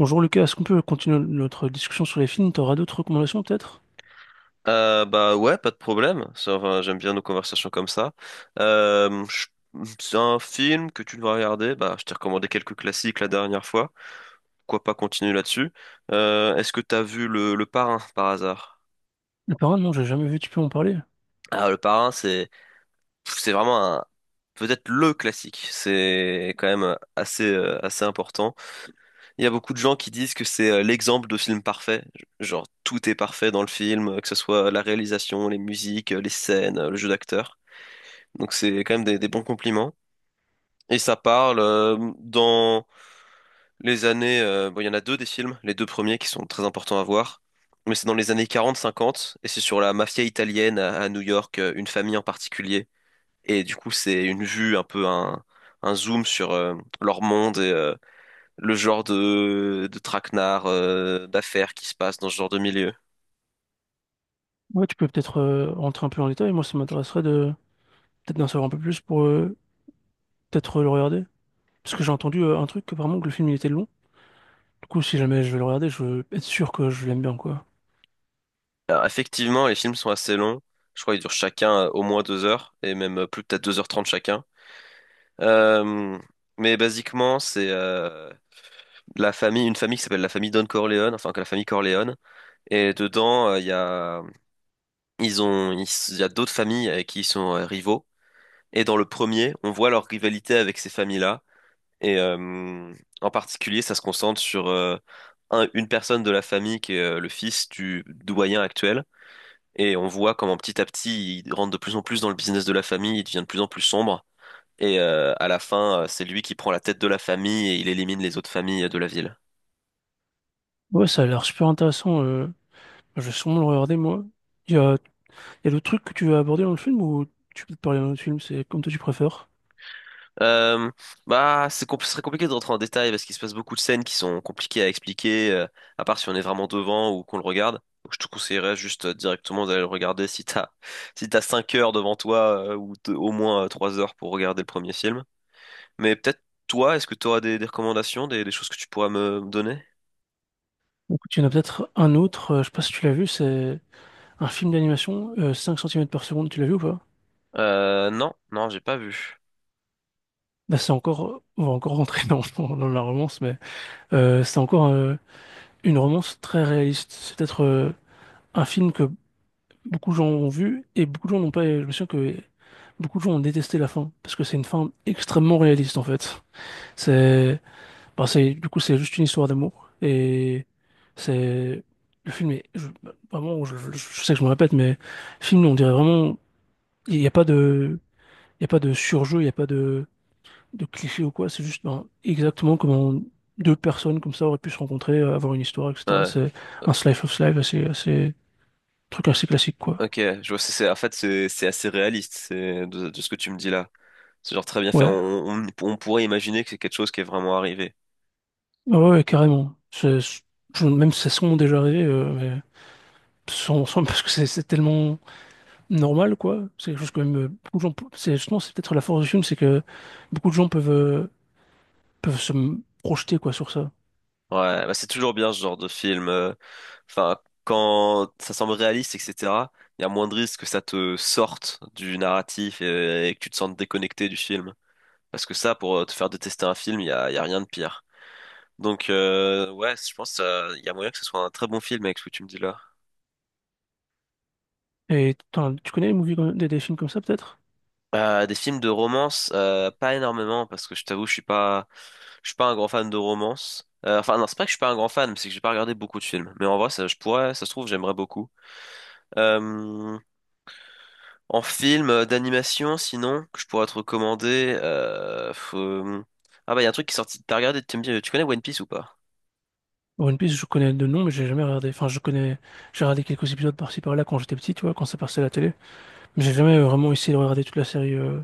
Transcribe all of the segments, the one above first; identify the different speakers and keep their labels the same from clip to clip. Speaker 1: Bonjour Lucas, est-ce qu'on peut continuer notre discussion sur les films? T'auras d'autres recommandations peut-être?
Speaker 2: Bah ouais, pas de problème. Ça, enfin, j'aime bien nos conversations comme ça. Euh, je- C'est un film que tu dois regarder. Bah, je t'ai recommandé quelques classiques la dernière fois. Pourquoi pas continuer là-dessus. Est-ce que t'as vu le Parrain par hasard?
Speaker 1: Le Parrain, non, j'ai jamais vu, tu peux en parler.
Speaker 2: Ah, le Parrain, c'est vraiment un peut-être le classique. C'est quand même assez assez important. Il y a beaucoup de gens qui disent que c'est l'exemple de film parfait. Genre tout est parfait dans le film, que ce soit la réalisation, les musiques, les scènes, le jeu d'acteur. Donc c'est quand même des bons compliments. Et ça parle dans les années, bon, il y en a deux des films, les deux premiers qui sont très importants à voir. Mais c'est dans les années 40-50, et c'est sur la mafia italienne à New York, une famille en particulier. Et du coup, c'est une vue, un peu un zoom sur leur monde et le genre de traquenard, d'affaires qui se passe dans ce genre de milieu.
Speaker 1: Ouais, tu peux peut-être rentrer un peu en détail. Moi, ça m'intéresserait de peut-être d'en savoir un peu plus pour peut-être le regarder. Parce que j'ai entendu un truc, apparemment, que le film il était long. Du coup, si jamais je vais le regarder, je veux être sûr que je l'aime bien, quoi.
Speaker 2: Alors, effectivement, les films sont assez longs. Je crois qu'ils durent chacun au moins deux heures, et même plus peut-être deux heures trente chacun. Euh, mais basiquement, c'est la famille, une famille qui s'appelle la famille Don Corleone, enfin que la famille Corleone. Et dedans, il y a d'autres familles avec qui ils sont rivaux. Et dans le premier, on voit leur rivalité avec ces familles-là. Et en particulier, ça se concentre sur une personne de la famille qui est le fils du doyen actuel. Et on voit comment petit à petit, il rentre de plus en plus dans le business de la famille, il devient de plus en plus sombre. Et à la fin, c'est lui qui prend la tête de la famille et il élimine les autres familles de la ville.
Speaker 1: Ouais, ça a l'air super intéressant. Je vais sûrement le regarder, moi. Il y a, il y a d'autres trucs que tu veux aborder dans le film ou tu peux te parler d'un autre film, c'est comme toi tu préfères.
Speaker 2: Euh, Bah, ce serait compliqué de rentrer en détail parce qu'il se passe beaucoup de scènes qui sont compliquées à expliquer, à part si on est vraiment devant ou qu'on le regarde. Donc, je te conseillerais juste directement d'aller le regarder si t'as 5 heures devant toi ou au moins 3 heures pour regarder le premier film. Mais peut-être toi, est-ce que tu auras des recommandations, des choses que tu pourras me donner?
Speaker 1: Écoute, il y en a peut-être un autre, je sais pas si tu l'as vu, c'est un film d'animation, 5 cm par seconde, tu l'as vu ou pas?
Speaker 2: Non, non, j'ai pas vu.
Speaker 1: Bah, c'est encore, on va encore rentrer dans la romance, mais c'est encore une romance très réaliste. C'est peut-être un film que beaucoup de gens ont vu et beaucoup de gens n'ont pas. Je me souviens que beaucoup de gens ont détesté la fin parce que c'est une fin extrêmement réaliste en fait. C'est, bah, c'est, du coup, c'est juste une histoire d'amour et c'est le film est je- vraiment. Je sais que je me répète, mais le film, on dirait vraiment, il n'y a pas de, il y a pas de surjeu, il n'y a pas de clichés ou quoi, c'est juste ben, exactement comment deux personnes comme ça auraient pu se rencontrer, avoir une histoire, etc.
Speaker 2: Ouais.
Speaker 1: C'est un slice of life truc assez classique, quoi.
Speaker 2: Ok, je vois, en fait, c'est assez réaliste, c'est de ce que tu me dis là. C'est genre très bien fait. On,
Speaker 1: Ouais,
Speaker 2: on, on pourrait imaginer que c'est quelque chose qui est vraiment arrivé.
Speaker 1: ah ouais, ouais, carrément. Même si ça sont déjà arrivé, mais parce que c'est tellement normal, quoi. C'est quelque chose que même beaucoup de c'est justement, c'est peut-être la force du film, c'est que beaucoup de gens peuvent, peuvent projeter, quoi, sur ça.
Speaker 2: Ouais, bah c'est toujours bien ce genre de film. Enfin, quand ça semble réaliste, etc., il y a moins de risques que ça te sorte du narratif et que tu te sentes déconnecté du film. Parce que ça, pour te faire détester un film, il y a rien de pire. Donc, ouais, je pense il y a moyen que ce soit un très bon film avec ce que tu me dis là.
Speaker 1: Et tu connais les movies des films comme ça, peut-être?
Speaker 2: Des films de romance, pas énormément parce que je t'avoue, je suis pas un grand fan de romance. Enfin non, c'est pas que je suis pas un grand fan, mais c'est que j'ai pas regardé beaucoup de films. Mais en vrai, ça, je pourrais, ça se trouve, j'aimerais beaucoup. Euh, En film d'animation, sinon, que je pourrais te recommander. Ah bah il y a un truc qui est sorti. T'as regardé, tu me dis, tu connais One Piece ou pas?
Speaker 1: One Piece, je connais de nom, mais j'ai jamais regardé. Enfin, je connais, j'ai regardé quelques épisodes par-ci par-là quand j'étais petit, tu vois, quand ça passait à la télé. Mais j'ai jamais vraiment essayé de regarder toute la série,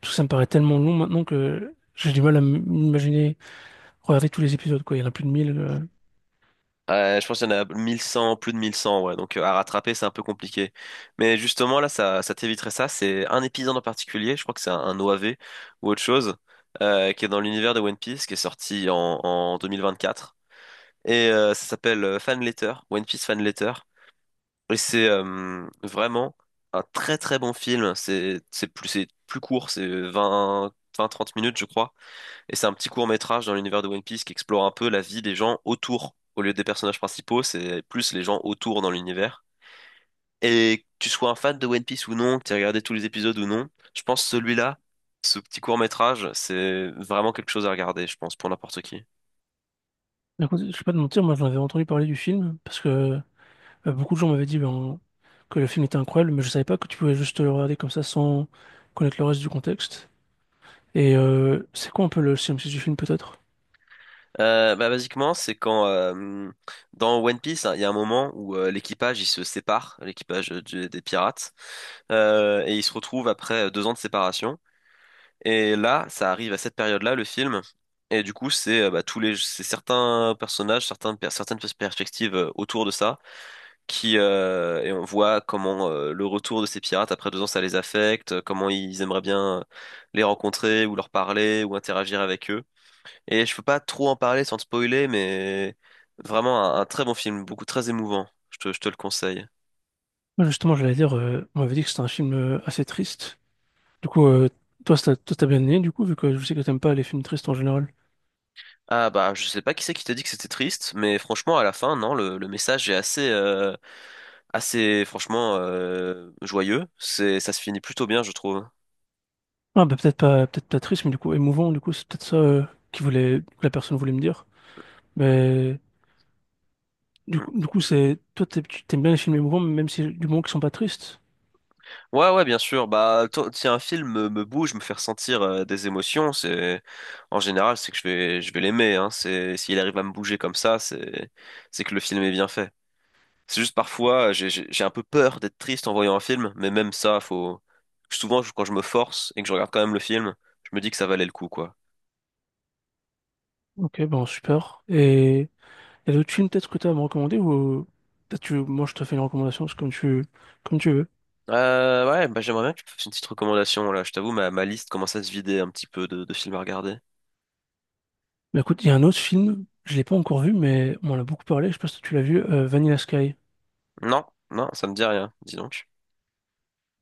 Speaker 1: parce que ça me paraît tellement long maintenant que j'ai du mal à m'imaginer regarder tous les épisodes, quoi. Il y en a plus de 1000.
Speaker 2: Ouais, je pense qu'il y en a 1100, plus de 1100, ouais. Donc à rattraper, c'est un peu compliqué. Mais justement, là, ça t'éviterait ça. C'est un épisode en particulier, je crois que c'est un OAV ou autre chose, qui est dans l'univers de One Piece, qui est sorti en 2024. Et ça s'appelle Fan Letter, One Piece Fan Letter. Et c'est vraiment un très très bon film. C'est plus, c'est plus court, c'est 20, 20-30 minutes, je crois. Et c'est un petit court-métrage dans l'univers de One Piece qui explore un peu la vie des gens autour. Au lieu des personnages principaux, c'est plus les gens autour dans l'univers. Et que tu sois un fan de One Piece ou non, que tu aies regardé tous les épisodes ou non, je pense celui-là, ce petit court-métrage, c'est vraiment quelque chose à regarder, je pense, pour n'importe qui.
Speaker 1: Mais écoute, je vais pas te mentir, moi, j'en avais entendu parler du film, parce que beaucoup de gens m'avaient dit ben, que le film était incroyable, mais je savais pas que tu pouvais juste le regarder comme ça sans connaître le reste du contexte. Et c'est quoi un peu le synopsis du film, peut-être?
Speaker 2: Bah, basiquement, c'est quand dans One Piece, hein, il y a un moment où l'équipage, il se sépare, l'équipage des pirates, et ils se retrouvent après deux ans de séparation. Et là, ça arrive à cette période-là, le film. Et du coup, c'est bah, c'est certains personnages, certains, per- certaines pers- perspectives autour de ça, qui et on voit comment le retour de ces pirates après deux ans, ça les affecte, comment ils aimeraient bien les rencontrer ou leur parler ou interagir avec eux. Et je peux pas trop en parler sans te spoiler, mais vraiment un très bon film, beaucoup très émouvant. Je te le conseille.
Speaker 1: Moi, justement, j'allais dire, on m'avait dit que c'était un film assez triste. Du coup, toi, t'as bien aimé, du coup, vu que je sais que t'aimes pas les films tristes en général.
Speaker 2: Ah bah, je sais pas qui c'est qui t'a dit que c'était triste, mais franchement, à la fin, non, le message est assez franchement joyeux. Ça se finit plutôt bien, je trouve.
Speaker 1: Ah, bah, peut-être pas triste, mais du coup, émouvant, du coup, c'est peut-être ça qui voulait, que la personne voulait me dire. Mais
Speaker 2: Mm.
Speaker 1: toi, t'aimes bien les films émouvants, même si du moment qu'ils sont pas tristes.
Speaker 2: Ouais, ouais, bien sûr. Bah, si un film me bouge, me fait ressentir des émotions, c'est en général, c'est que je vais l'aimer. Hein. C'est s'il arrive à me bouger comme ça, c'est que le film est bien fait. C'est juste parfois, j'ai un peu peur d'être triste en voyant un film, mais même ça, faut. Souvent, quand je me force et que je regarde quand même le film, je me dis que ça valait le coup, quoi.
Speaker 1: Ok, bon, super. Et il y a d'autres films peut-être que t'as à me recommander ou peut-être moi, je te fais une recommandation, c'est comme tu veux.
Speaker 2: Ouais, bah j'aimerais bien que tu me fasses une petite recommandation là. Je t'avoue, ma liste commence à se vider un petit peu de films à regarder.
Speaker 1: Bah, écoute, il y a un autre film, je l'ai pas encore vu, mais on en a beaucoup parlé, je sais pas si tu l'as vu, Vanilla Sky.
Speaker 2: Non, non, ça me dit rien, dis donc.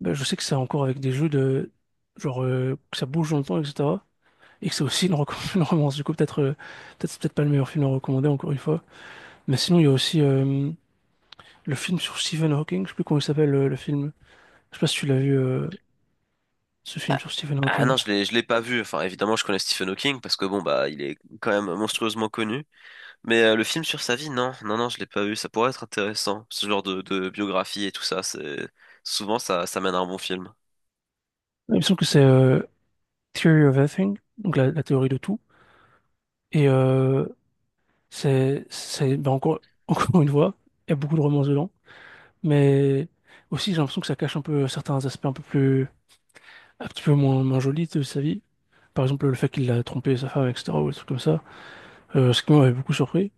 Speaker 1: Ben, je sais que c'est encore avec des jeux de genre que ça bouge dans le temps, etc. Et que c'est aussi une romance. Du coup, peut-être c'est peut-être pas le meilleur film à recommander encore une fois. Mais sinon, il y a aussi le film sur Stephen Hawking. Je sais plus comment il s'appelle le film. Je sais pas si tu l'as vu ce film sur Stephen
Speaker 2: Ah
Speaker 1: Hawking.
Speaker 2: non, je l'ai pas vu. Enfin, évidemment, je connais Stephen Hawking parce que bon, bah, il est quand même monstrueusement connu. Mais le film sur sa vie, non, non, non, je l'ai pas vu. Ça pourrait être intéressant, ce genre de biographie et tout ça. C'est souvent ça, ça mène à un bon film.
Speaker 1: Il me semble que c'est Theory of Everything, donc la théorie de tout. Et c'est ben, encore encore une fois, il y a beaucoup de romance dedans. Mais aussi, j'ai l'impression que ça cache un peu certains aspects un peu plus un petit peu moins jolis de sa vie. Par exemple, le fait qu'il a trompé sa femme, etc., ou des trucs comme ça, ce qui m'avait beaucoup surpris.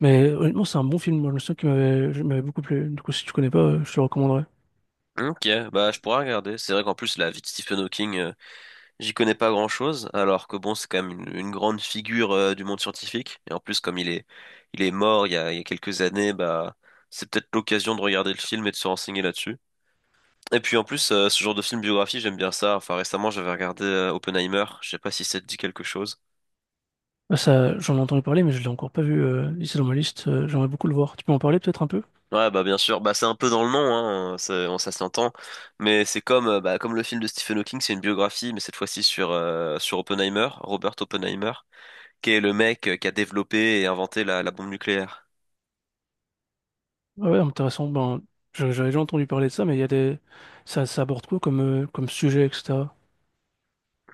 Speaker 1: Mais honnêtement, c'est un bon film. Moi, je me souviens qui m'avait beaucoup plu. Du coup, si tu connais pas, je te le recommanderais.
Speaker 2: Ok, bah, je pourrais regarder. C'est vrai qu'en plus, la vie de Stephen Hawking, j'y connais pas grand-chose, alors que bon, c'est quand même une grande figure du monde scientifique. Et en plus, comme il est mort il y a quelques années, bah, c'est peut-être l'occasion de regarder le film et de se renseigner là-dessus. Et puis en plus, ce genre de film biographie, j'aime bien ça. Enfin, récemment, j'avais regardé Oppenheimer. Je sais pas si ça te dit quelque chose.
Speaker 1: Ah, ça, j'en ai entendu parler, mais je l'ai encore pas vu. Il est dans ma liste. J'aimerais beaucoup le voir. Tu peux en parler peut-être un peu?
Speaker 2: Ouais, bah bien sûr. Bah c'est un peu dans le nom, hein. Ça, ça s'entend. Mais c'est comme, bah, comme le film de Stephen Hawking, c'est une biographie, mais cette fois-ci sur Oppenheimer, Robert Oppenheimer, qui est le mec qui a développé et inventé la bombe nucléaire.
Speaker 1: Ah ouais, intéressant. Ben, j'avais déjà entendu parler de ça, mais il y a des, ça aborde quoi comme, comme sujet, etc.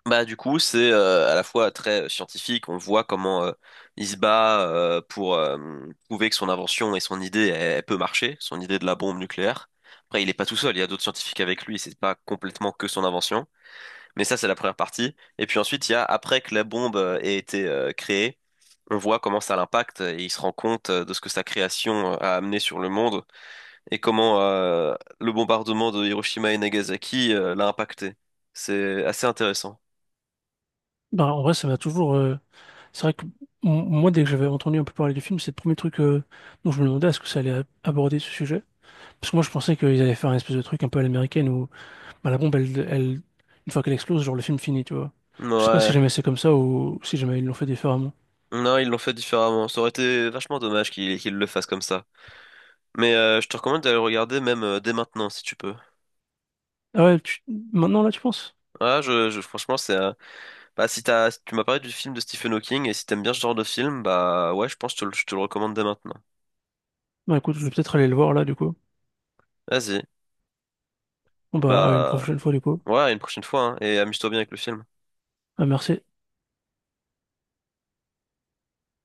Speaker 2: Bah du coup c'est à la fois très scientifique, on voit comment il se bat pour prouver que son invention et son idée elle peut marcher, son idée de la bombe nucléaire. Après il est pas tout seul, il y a d'autres scientifiques avec lui, c'est pas complètement que son invention, mais ça c'est la première partie. Et puis ensuite il y a après que la bombe ait été créée, on voit comment ça l'impacte et il se rend compte de ce que sa création a amené sur le monde et comment le bombardement de Hiroshima et Nagasaki l'a impacté. C'est assez intéressant.
Speaker 1: Bah, en vrai, ça m'a toujours. C'est vrai que moi, dès que j'avais entendu un peu parler du film, c'est le premier truc dont je me demandais est-ce que ça allait aborder ce sujet. Parce que moi, je pensais qu'ils allaient faire un espèce de truc un peu à l'américaine où bah, la bombe, une fois qu'elle explose, genre le film finit, tu vois. Je sais pas si
Speaker 2: Ouais.
Speaker 1: jamais c'est comme ça ou si jamais ils l'ont fait différemment.
Speaker 2: Non, ils l'ont fait différemment. Ça aurait été vachement dommage qu'ils le fassent comme ça. Mais je te recommande d'aller le regarder même dès maintenant si tu peux.
Speaker 1: Ah ouais, maintenant là, tu penses?
Speaker 2: Ah, franchement, c'est bah si tu m'as parlé du film de Stephen Hawking et si t'aimes bien ce genre de film, bah ouais, je pense que je te le recommande dès maintenant.
Speaker 1: Bah écoute, je vais peut-être aller le voir là, du coup.
Speaker 2: Vas-y.
Speaker 1: Bon, bah, à une
Speaker 2: Bah
Speaker 1: prochaine fois, du coup.
Speaker 2: ouais, à une prochaine fois hein, et amuse-toi bien avec le film.
Speaker 1: Ah, merci.